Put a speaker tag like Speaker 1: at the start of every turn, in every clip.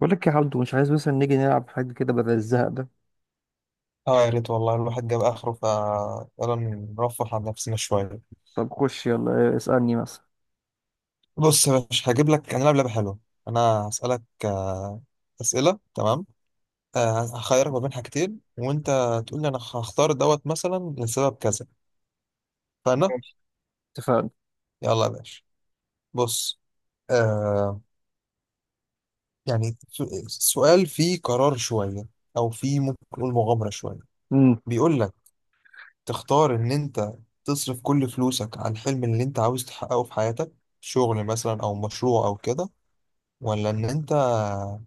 Speaker 1: بقول لك يا عبدو، مش عايز مثلا نيجي نلعب حاجة كده بدل الزهق ده.
Speaker 2: اه، يا ريت والله الواحد جاب اخره فيلا. نرفه عن نفسنا شويه.
Speaker 1: طب خش يلا اسألني مثلا.
Speaker 2: بص يا باشا، هجيب لك انا لعب لعبه حلوه. انا هسالك اسئله، تمام؟ هخيرك ما بين حاجتين، وانت تقول لي انا هختار دوت مثلا لسبب كذا. فانا
Speaker 1: ماشي، اتفقنا.
Speaker 2: يلا يا باشا. بص. آه يعني سؤال فيه قرار شويه، او فيه ممكن نقول مغامره شويه.
Speaker 1: امم
Speaker 2: بيقول لك تختار ان انت تصرف كل فلوسك على الحلم اللي انت عاوز تحققه في حياتك، شغل مثلا او مشروع او كده، ولا ان انت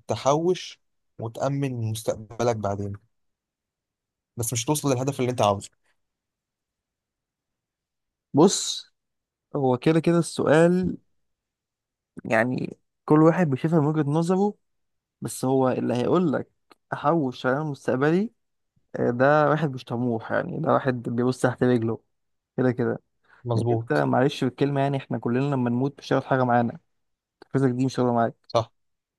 Speaker 2: تحوش وتأمن مستقبلك بعدين، بس مش توصل للهدف اللي انت عاوزه.
Speaker 1: بص، هو كده كده السؤال. يعني كل واحد بيشوفها من وجهة نظره، بس هو اللي هيقول لك احوش على مستقبلي. آه، ده واحد مش طموح، يعني ده واحد بيبص تحت رجله كده كده. لأن انت
Speaker 2: مظبوط.
Speaker 1: معلش بالكلمة، يعني احنا كلنا لما نموت مش هياخد حاجة معانا. فلوسك دي مش هتاخدها معاك،
Speaker 2: صح،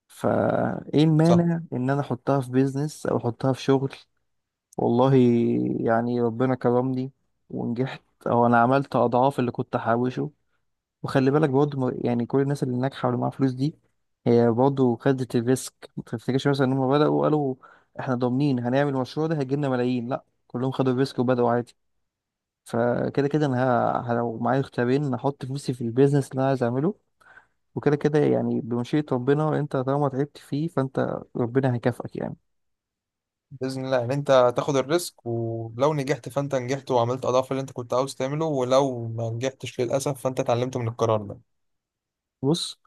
Speaker 1: فايه
Speaker 2: صح.
Speaker 1: المانع ان انا احطها في بيزنس او احطها في شغل. والله يعني ربنا كرمني ونجحت، او انا عملت اضعاف اللي كنت حوشه. وخلي بالك برضه يعني كل الناس اللي ناجحه واللي معاها فلوس دي، هي برضه خدت الريسك. ما تفتكرش مثلا ان هم بداوا قالوا احنا ضامنين هنعمل المشروع ده هيجي لنا ملايين. لا، كلهم خدوا الريسك وبداوا عادي. فكده كده انا لو معايا اختيارين هحط فلوسي في البيزنس اللي انا عايز اعمله. وكده كده يعني بمشيئة ربنا، انت طالما تعبت فيه فانت ربنا هيكافئك يعني.
Speaker 2: بإذن الله ان انت تاخد الريسك، ولو نجحت فانت نجحت وعملت اضعاف اللي انت كنت عاوز تعمله، ولو ما نجحتش للأسف فانت اتعلمت من القرار ده.
Speaker 1: بص،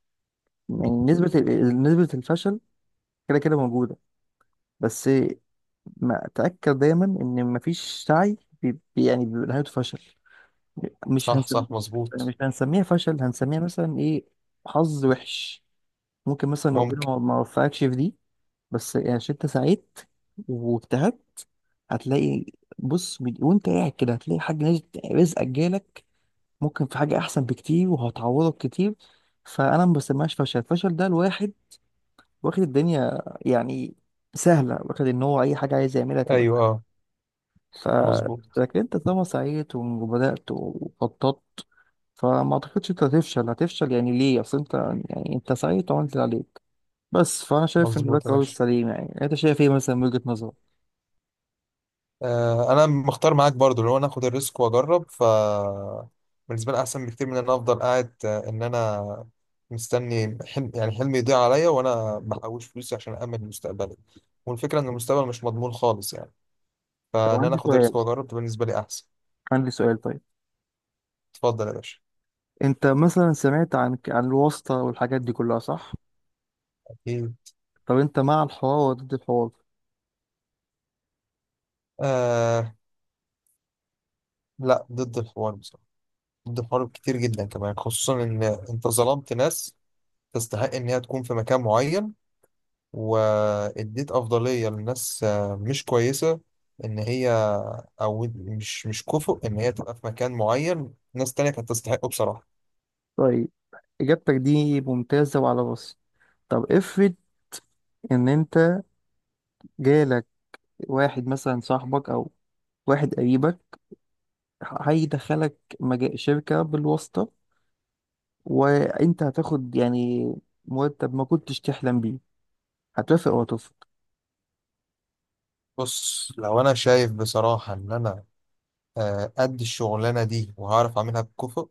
Speaker 1: يعني نسبة الفشل كده كده موجودة، بس ما تأكد دايما ان مفيش سعي يعني بيبقى نهايته فشل. مش
Speaker 2: صح،
Speaker 1: هنسميه،
Speaker 2: صح،
Speaker 1: مش يعني
Speaker 2: مظبوط.
Speaker 1: مش هنسميها فشل، هنسميها مثلا ايه؟ حظ وحش. ممكن مثلا ربنا
Speaker 2: ممكن.
Speaker 1: ما وفقكش في دي، بس يعني عشان انت سعيت واجتهدت هتلاقي. وانت قاعد كده هتلاقي حاجة نزلت رزقك جالك. ممكن في حاجة أحسن بكتير وهتعوضك كتير. فأنا ما بسميهاش فشل. الفشل ده الواحد واخد الدنيا يعني سهلة، واخد إن هو أي حاجة عايز يعملها تبقى
Speaker 2: ايوه،
Speaker 1: سهلة.
Speaker 2: اه. مظبوط
Speaker 1: فلكن انت طالما سعيت وبدأت وخططت، فما اعتقدش انت هتفشل. هتفشل يعني ليه؟ اصل انت يعني انت سعيت وعملت اللي عليك. بس، فانا شايف ان ده
Speaker 2: مظبوط يا
Speaker 1: القرار
Speaker 2: باشا.
Speaker 1: السليم. يعني انت شايف ايه مثلا من وجهة نظرك؟
Speaker 2: انا مختار معاك برضو اللي هو ناخد الريسك واجرب. بالنسبه لي احسن بكتير من ان انا افضل قاعد، ان انا مستني حلم، يعني حلمي يضيع عليا وانا بحوش فلوسي عشان امن مستقبلي. والفكره ان المستقبل مش مضمون خالص يعني.
Speaker 1: طب
Speaker 2: فان انا
Speaker 1: عندي
Speaker 2: اخد
Speaker 1: سؤال،
Speaker 2: الريسك واجرب ده بالنسبه لي احسن.
Speaker 1: عندي سؤال طيب.
Speaker 2: اتفضل يا باشا.
Speaker 1: انت مثلا سمعت عن الواسطة والحاجات دي كلها، صح؟
Speaker 2: ايه.
Speaker 1: طب انت مع الحوار ولا ضد الحوار؟
Speaker 2: آه، لا ضد الحوار بصراحه. ضد الحوار كتير جدا كمان، خصوصا ان انت ظلمت ناس تستحق ان هي تكون في مكان معين، واديت افضليه لناس مش كويسه، ان هي او مش كفؤ ان هي تبقى في مكان معين، ناس تانية كانت تستحقه بصراحه.
Speaker 1: طيب، اجابتك دي ممتازة وعلى راسي. طب افرض ان انت جالك واحد مثلا صاحبك او واحد قريبك هيدخلك شركة بالواسطة، وانت هتاخد يعني مرتب ما كنتش تحلم بيه. هتوافق ولا ترفض؟
Speaker 2: بص لو انا شايف بصراحه ان انا قد الشغلانه دي وهعرف اعملها بكفؤ،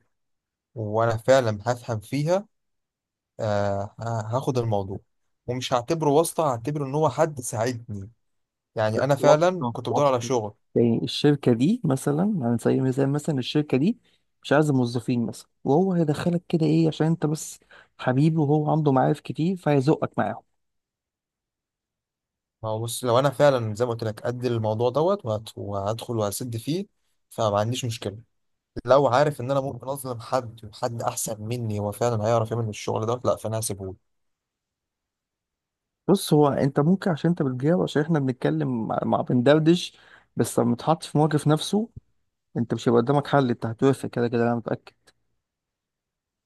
Speaker 2: وانا فعلا هفهم فيها. هاخد الموضوع ومش هعتبره واسطه، هعتبره ان هو حد ساعدني.
Speaker 1: لا،
Speaker 2: يعني انا فعلا
Speaker 1: واسطة
Speaker 2: كنت بدور على
Speaker 1: واسطة.
Speaker 2: شغل.
Speaker 1: يعني الشركة دي مثلا، على سبيل المثال مثلا الشركة دي مش عايزة موظفين مثلا، وهو هيدخلك كده ايه عشان انت بس حبيبي، وهو عنده معارف كتير فهيزقك معاهم.
Speaker 2: ما هو بص، لو انا فعلا زي ما قلت لك قد الموضوع دوت وهدخل وهسد فيه، فما عنديش مشكله. لو عارف ان انا ممكن اظلم حد، وحد احسن مني هو فعلا هيعرف يعمل الشغل ده، لا فانا هسيبهوله.
Speaker 1: بص، هو انت ممكن عشان انت بتجاوب، عشان احنا بنتكلم مع بندردش. بس لما تحط في موقف نفسه انت مش هيبقى قدامك حل، انت هتوافق كده كده انا متأكد.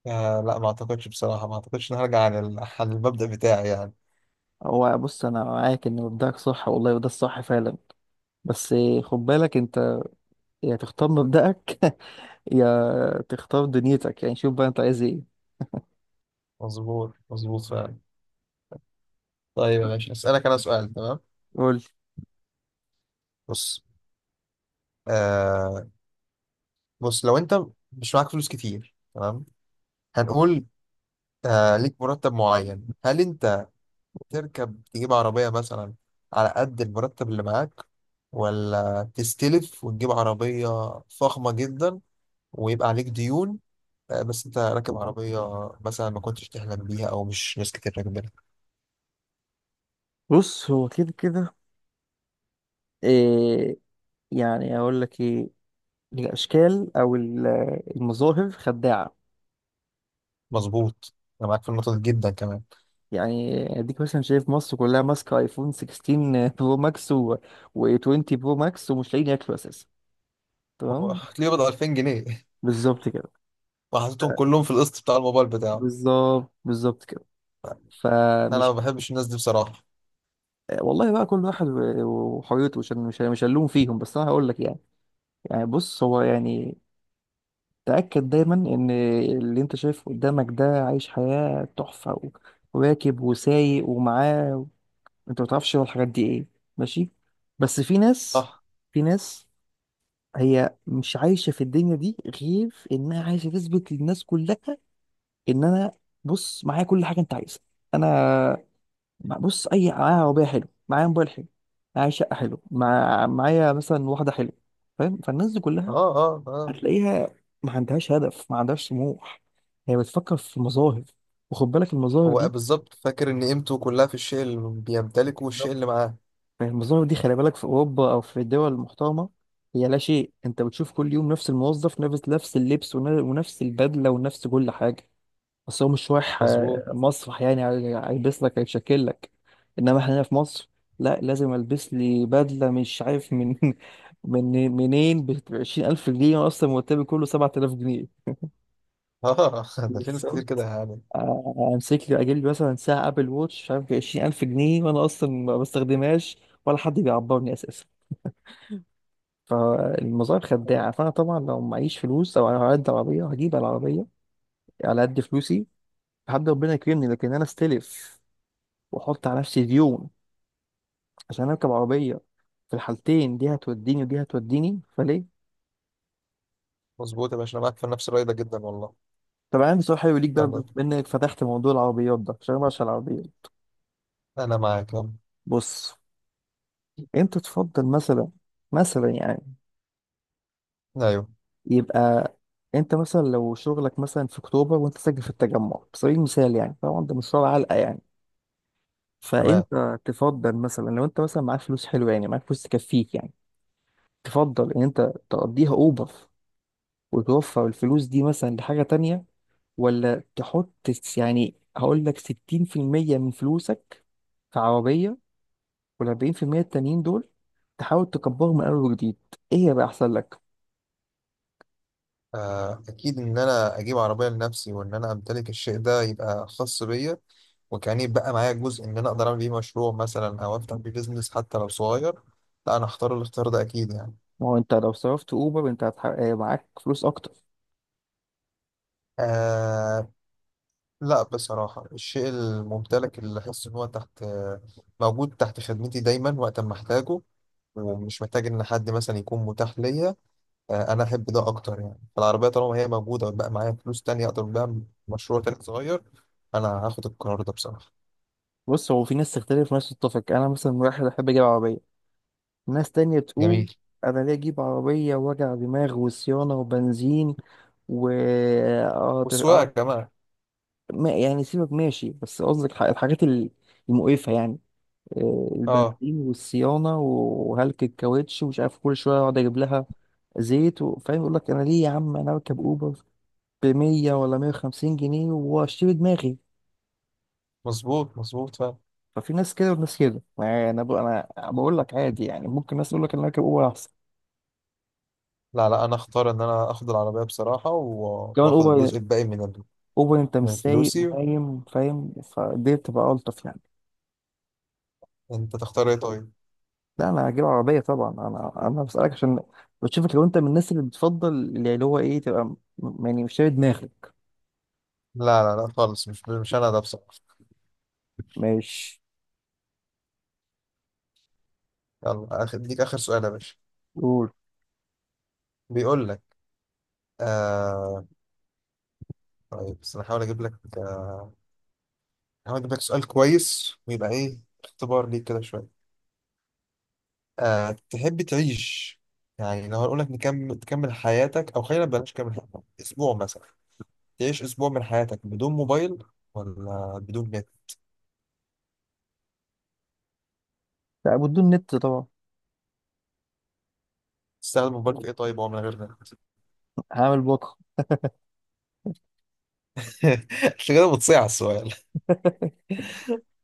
Speaker 2: آه، لا ما اعتقدش بصراحه، ما اعتقدش ان هرجع عن عن المبدأ بتاعي يعني.
Speaker 1: هو بص، انا معاك ان مبدأك صح والله، وده الصح فعلا. بس خد بالك انت، يا تختار مبدأك يا تختار دنيتك. يعني شوف بقى انت عايز ايه.
Speaker 2: مظبوط مظبوط فعلا. طيب يا باشا، اسالك انا سؤال، تمام؟
Speaker 1: قول.
Speaker 2: بص آه بص لو انت مش معاك فلوس كتير، تمام، هنقول ليك مرتب معين، هل انت تركب تجيب عربيه مثلا على قد المرتب اللي معاك، ولا تستلف وتجيب عربيه فخمه جدا ويبقى عليك ديون، بس انت راكب عربية مثلا ما كنتش تحلم بيها او مش ناس كتير راكبينها؟
Speaker 1: بص، هو كده كده إيه، يعني اقول لك ايه. الاشكال او ال- المظاهر خداعة.
Speaker 2: مظبوط، انا معاك في النقطة دي جدا كمان.
Speaker 1: يعني اديك مثلا شايف مصر كلها ماسكه ايفون 16 برو ماكس و20 برو ماكس ومش لاقيين ياكلوا اساسا،
Speaker 2: هو
Speaker 1: تمام.
Speaker 2: هتلاقيه بضع 2000 جنيه
Speaker 1: بالظبط كده.
Speaker 2: وحطيتهم كلهم في القسط بتاع الموبايل بتاعه.
Speaker 1: بالظبط بالظبط كده.
Speaker 2: انا ما
Speaker 1: فمش،
Speaker 2: بحبش الناس دي بصراحة.
Speaker 1: والله بقى كل واحد وحريته، مش هلوم فيهم، بس انا هقول لك يعني، يعني بص هو يعني تأكد دايما ان اللي انت شايفه قدامك ده عايش حياة تحفة وراكب وسايق ومعاه، انت ما تعرفش هو الحاجات دي ايه. ماشي، بس في ناس،
Speaker 2: صح.
Speaker 1: في ناس هي مش عايشة في الدنيا دي غير انها عايشة تثبت للناس كلها ان انا بص معايا كل حاجة انت عايزها. انا بص، اي معايا عربيه حلو، معايا موبايل حلو، معايا شقه حلو، معايا مثلا واحده حلوه، فاهم؟ فالناس دي
Speaker 2: اه،
Speaker 1: كلها
Speaker 2: اه، اه.
Speaker 1: هتلاقيها ما عندهاش هدف، ما عندهاش طموح. هي بتفكر في مظاهر. وخد بالك المظاهر
Speaker 2: هو
Speaker 1: دي
Speaker 2: بالظبط فاكر ان قيمته كلها في الشيء اللي بيمتلكه والشيء
Speaker 1: بالظبط.
Speaker 2: اللي معاه.
Speaker 1: المظاهر دي خلي بالك في اوروبا او في الدول المحترمه هي لا شيء. انت بتشوف كل يوم نفس الموظف، نفس اللبس ونفس البدله ونفس كل حاجه، بس هو مش رايح آه،
Speaker 2: مظبوط.
Speaker 1: مسرح يعني هيلبس لك هيشكل لك. انما احنا هنا في مصر لا، لازم البس لي بدله مش عارف من من منين ب 20000 جنيه، وانا اصلا مرتبي كله 7000 جنيه.
Speaker 2: اه ده في ناس كتير كده
Speaker 1: بالظبط.
Speaker 2: يعني.
Speaker 1: آه، امسك لي اجيب لي مثلا ساعه ابل ووتش مش عارف ب 20000 جنيه وانا اصلا ما بستخدمهاش ولا حد بيعبرني اساسا. فالمظاهر
Speaker 2: آه،
Speaker 1: خداعه. فانا طبعا لو معيش فلوس او على قد عربيه هجيب العربيه على قد فلوسي لحد ربنا يكرمني، لكن انا استلف واحط على نفسي ديون عشان اركب عربيه؟ في الحالتين دي هتوديني ودي هتوديني فليه؟
Speaker 2: مظبوط يا باشا، انا معاك في نفس الرأي ده جدا والله.
Speaker 1: طب انا عندي سؤال حلو ليك بقى
Speaker 2: يلا،
Speaker 1: بما انك فتحت موضوع العربيات ده، عشان انا بعشق العربيات.
Speaker 2: انا معاك، يلا.
Speaker 1: بص انت تفضل مثلا، مثلا يعني،
Speaker 2: ايوه،
Speaker 1: يبقى انت مثلا لو شغلك مثلا في اكتوبر وانت ساكن في التجمع على سبيل المثال، يعني طبعا ده مشوار علقه يعني،
Speaker 2: تمام.
Speaker 1: فانت تفضل مثلا لو انت مثلا معاك فلوس حلوه يعني، معاك فلوس تكفيك يعني، تفضل ان انت تقضيها اوبر وتوفر الفلوس دي مثلا لحاجه تانية، ولا تحط يعني هقول لك 60% من فلوسك في عربية، وال40% التانيين دول تحاول تكبرهم من أول وجديد؟ إيه هيبقى أحسن لك؟
Speaker 2: آه، أكيد إن أنا أجيب عربية لنفسي وإن أنا أمتلك الشيء ده يبقى خاص بيا، وكأني يبقى معايا جزء إن أنا أقدر أعمل بيه مشروع مثلا أو أفتح بيه بيزنس حتى لو صغير. لا، أنا هختار الاختيار ده أكيد يعني.
Speaker 1: ما هو أنت لو صرفت أوبر أنت آه، معاك فلوس أكتر.
Speaker 2: آه، لا بصراحة الشيء الممتلك اللي أحس إن هو تحت، موجود تحت خدمتي دايما وقت ما أحتاجه، ومش محتاج إن حد مثلا يكون متاح ليا. أنا أحب ده أكتر يعني. فالعربية طالما هي موجودة ويبقى معايا فلوس تانية أقدر بقى مشروع تاني صغير. أنا هاخد القرار ده بصراحة.
Speaker 1: بص، هو في ناس تختلف وناس تتفق. أنا مثلا واحد أحب أجيب عربية، ناس تانية
Speaker 2: جميل.
Speaker 1: تقول أنا ليه أجيب عربية وجع دماغ وصيانة وبنزين و
Speaker 2: والسواقة
Speaker 1: آه
Speaker 2: كمان.
Speaker 1: يعني سيبك ماشي، بس قصدك الحاجات المقرفة يعني، آه،
Speaker 2: اه،
Speaker 1: البنزين والصيانة وهلك الكاوتش ومش عارف كل شوية اقعد اجيب لها زيت فاهم؟ يقول لك انا ليه يا عم انا اركب اوبر ب 100 ولا 150 جنيه واشتري دماغي.
Speaker 2: مظبوط مظبوط فعلا.
Speaker 1: ففي ناس كده وناس كده. ما انا انا بقول لك عادي يعني، ممكن ناس تقول لك انا اركب اوبر احسن،
Speaker 2: لا، لا، انا اختار ان انا اخد العربية بصراحة
Speaker 1: كمان
Speaker 2: واخد الجزء
Speaker 1: اوبر
Speaker 2: الباقي من
Speaker 1: اوبر، انت
Speaker 2: من
Speaker 1: مش سايق
Speaker 2: فلوسي.
Speaker 1: ونايم فاهم؟ فدي بتبقى الطف يعني.
Speaker 2: انت تختار ايه طيب؟
Speaker 1: لا، انا هجيب عربيه طبعا. انا بسالك عشان بشوفك لو انت من الناس اللي بتفضل يعني، اللي هو ايه، تبقى يعني مش شايل دماغك.
Speaker 2: لا، لا، لا، خالص. مش انا ده بصراحة.
Speaker 1: ماشي.
Speaker 2: يلا ديك اخر سؤال يا باشا.
Speaker 1: قول.
Speaker 2: بيقول لك آه... طيب، بس انا هحاول اجيب لك سؤال كويس ويبقى ايه اختبار ليك كده شوية. تحب تعيش، يعني لو هقول لك تكمل حياتك، او خلينا بلاش، كمل حياتك اسبوع مثلا، تعيش اسبوع من حياتك بدون موبايل، ولا بدون نت؟
Speaker 1: لا، بدون نت طبعا.
Speaker 2: تستخدم موبايل في ايه طيب هو من غير نت؟
Speaker 1: هعمل بكره.
Speaker 2: مش كده بتصيع السؤال.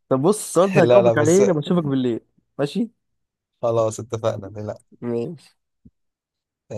Speaker 1: طب بص، السؤال ده
Speaker 2: لا، لا،
Speaker 1: هجاوبك عليه
Speaker 2: بس.
Speaker 1: لما اشوفك بالليل. ماشي.
Speaker 2: خلاص، اتفقنا. لا.
Speaker 1: ماشي.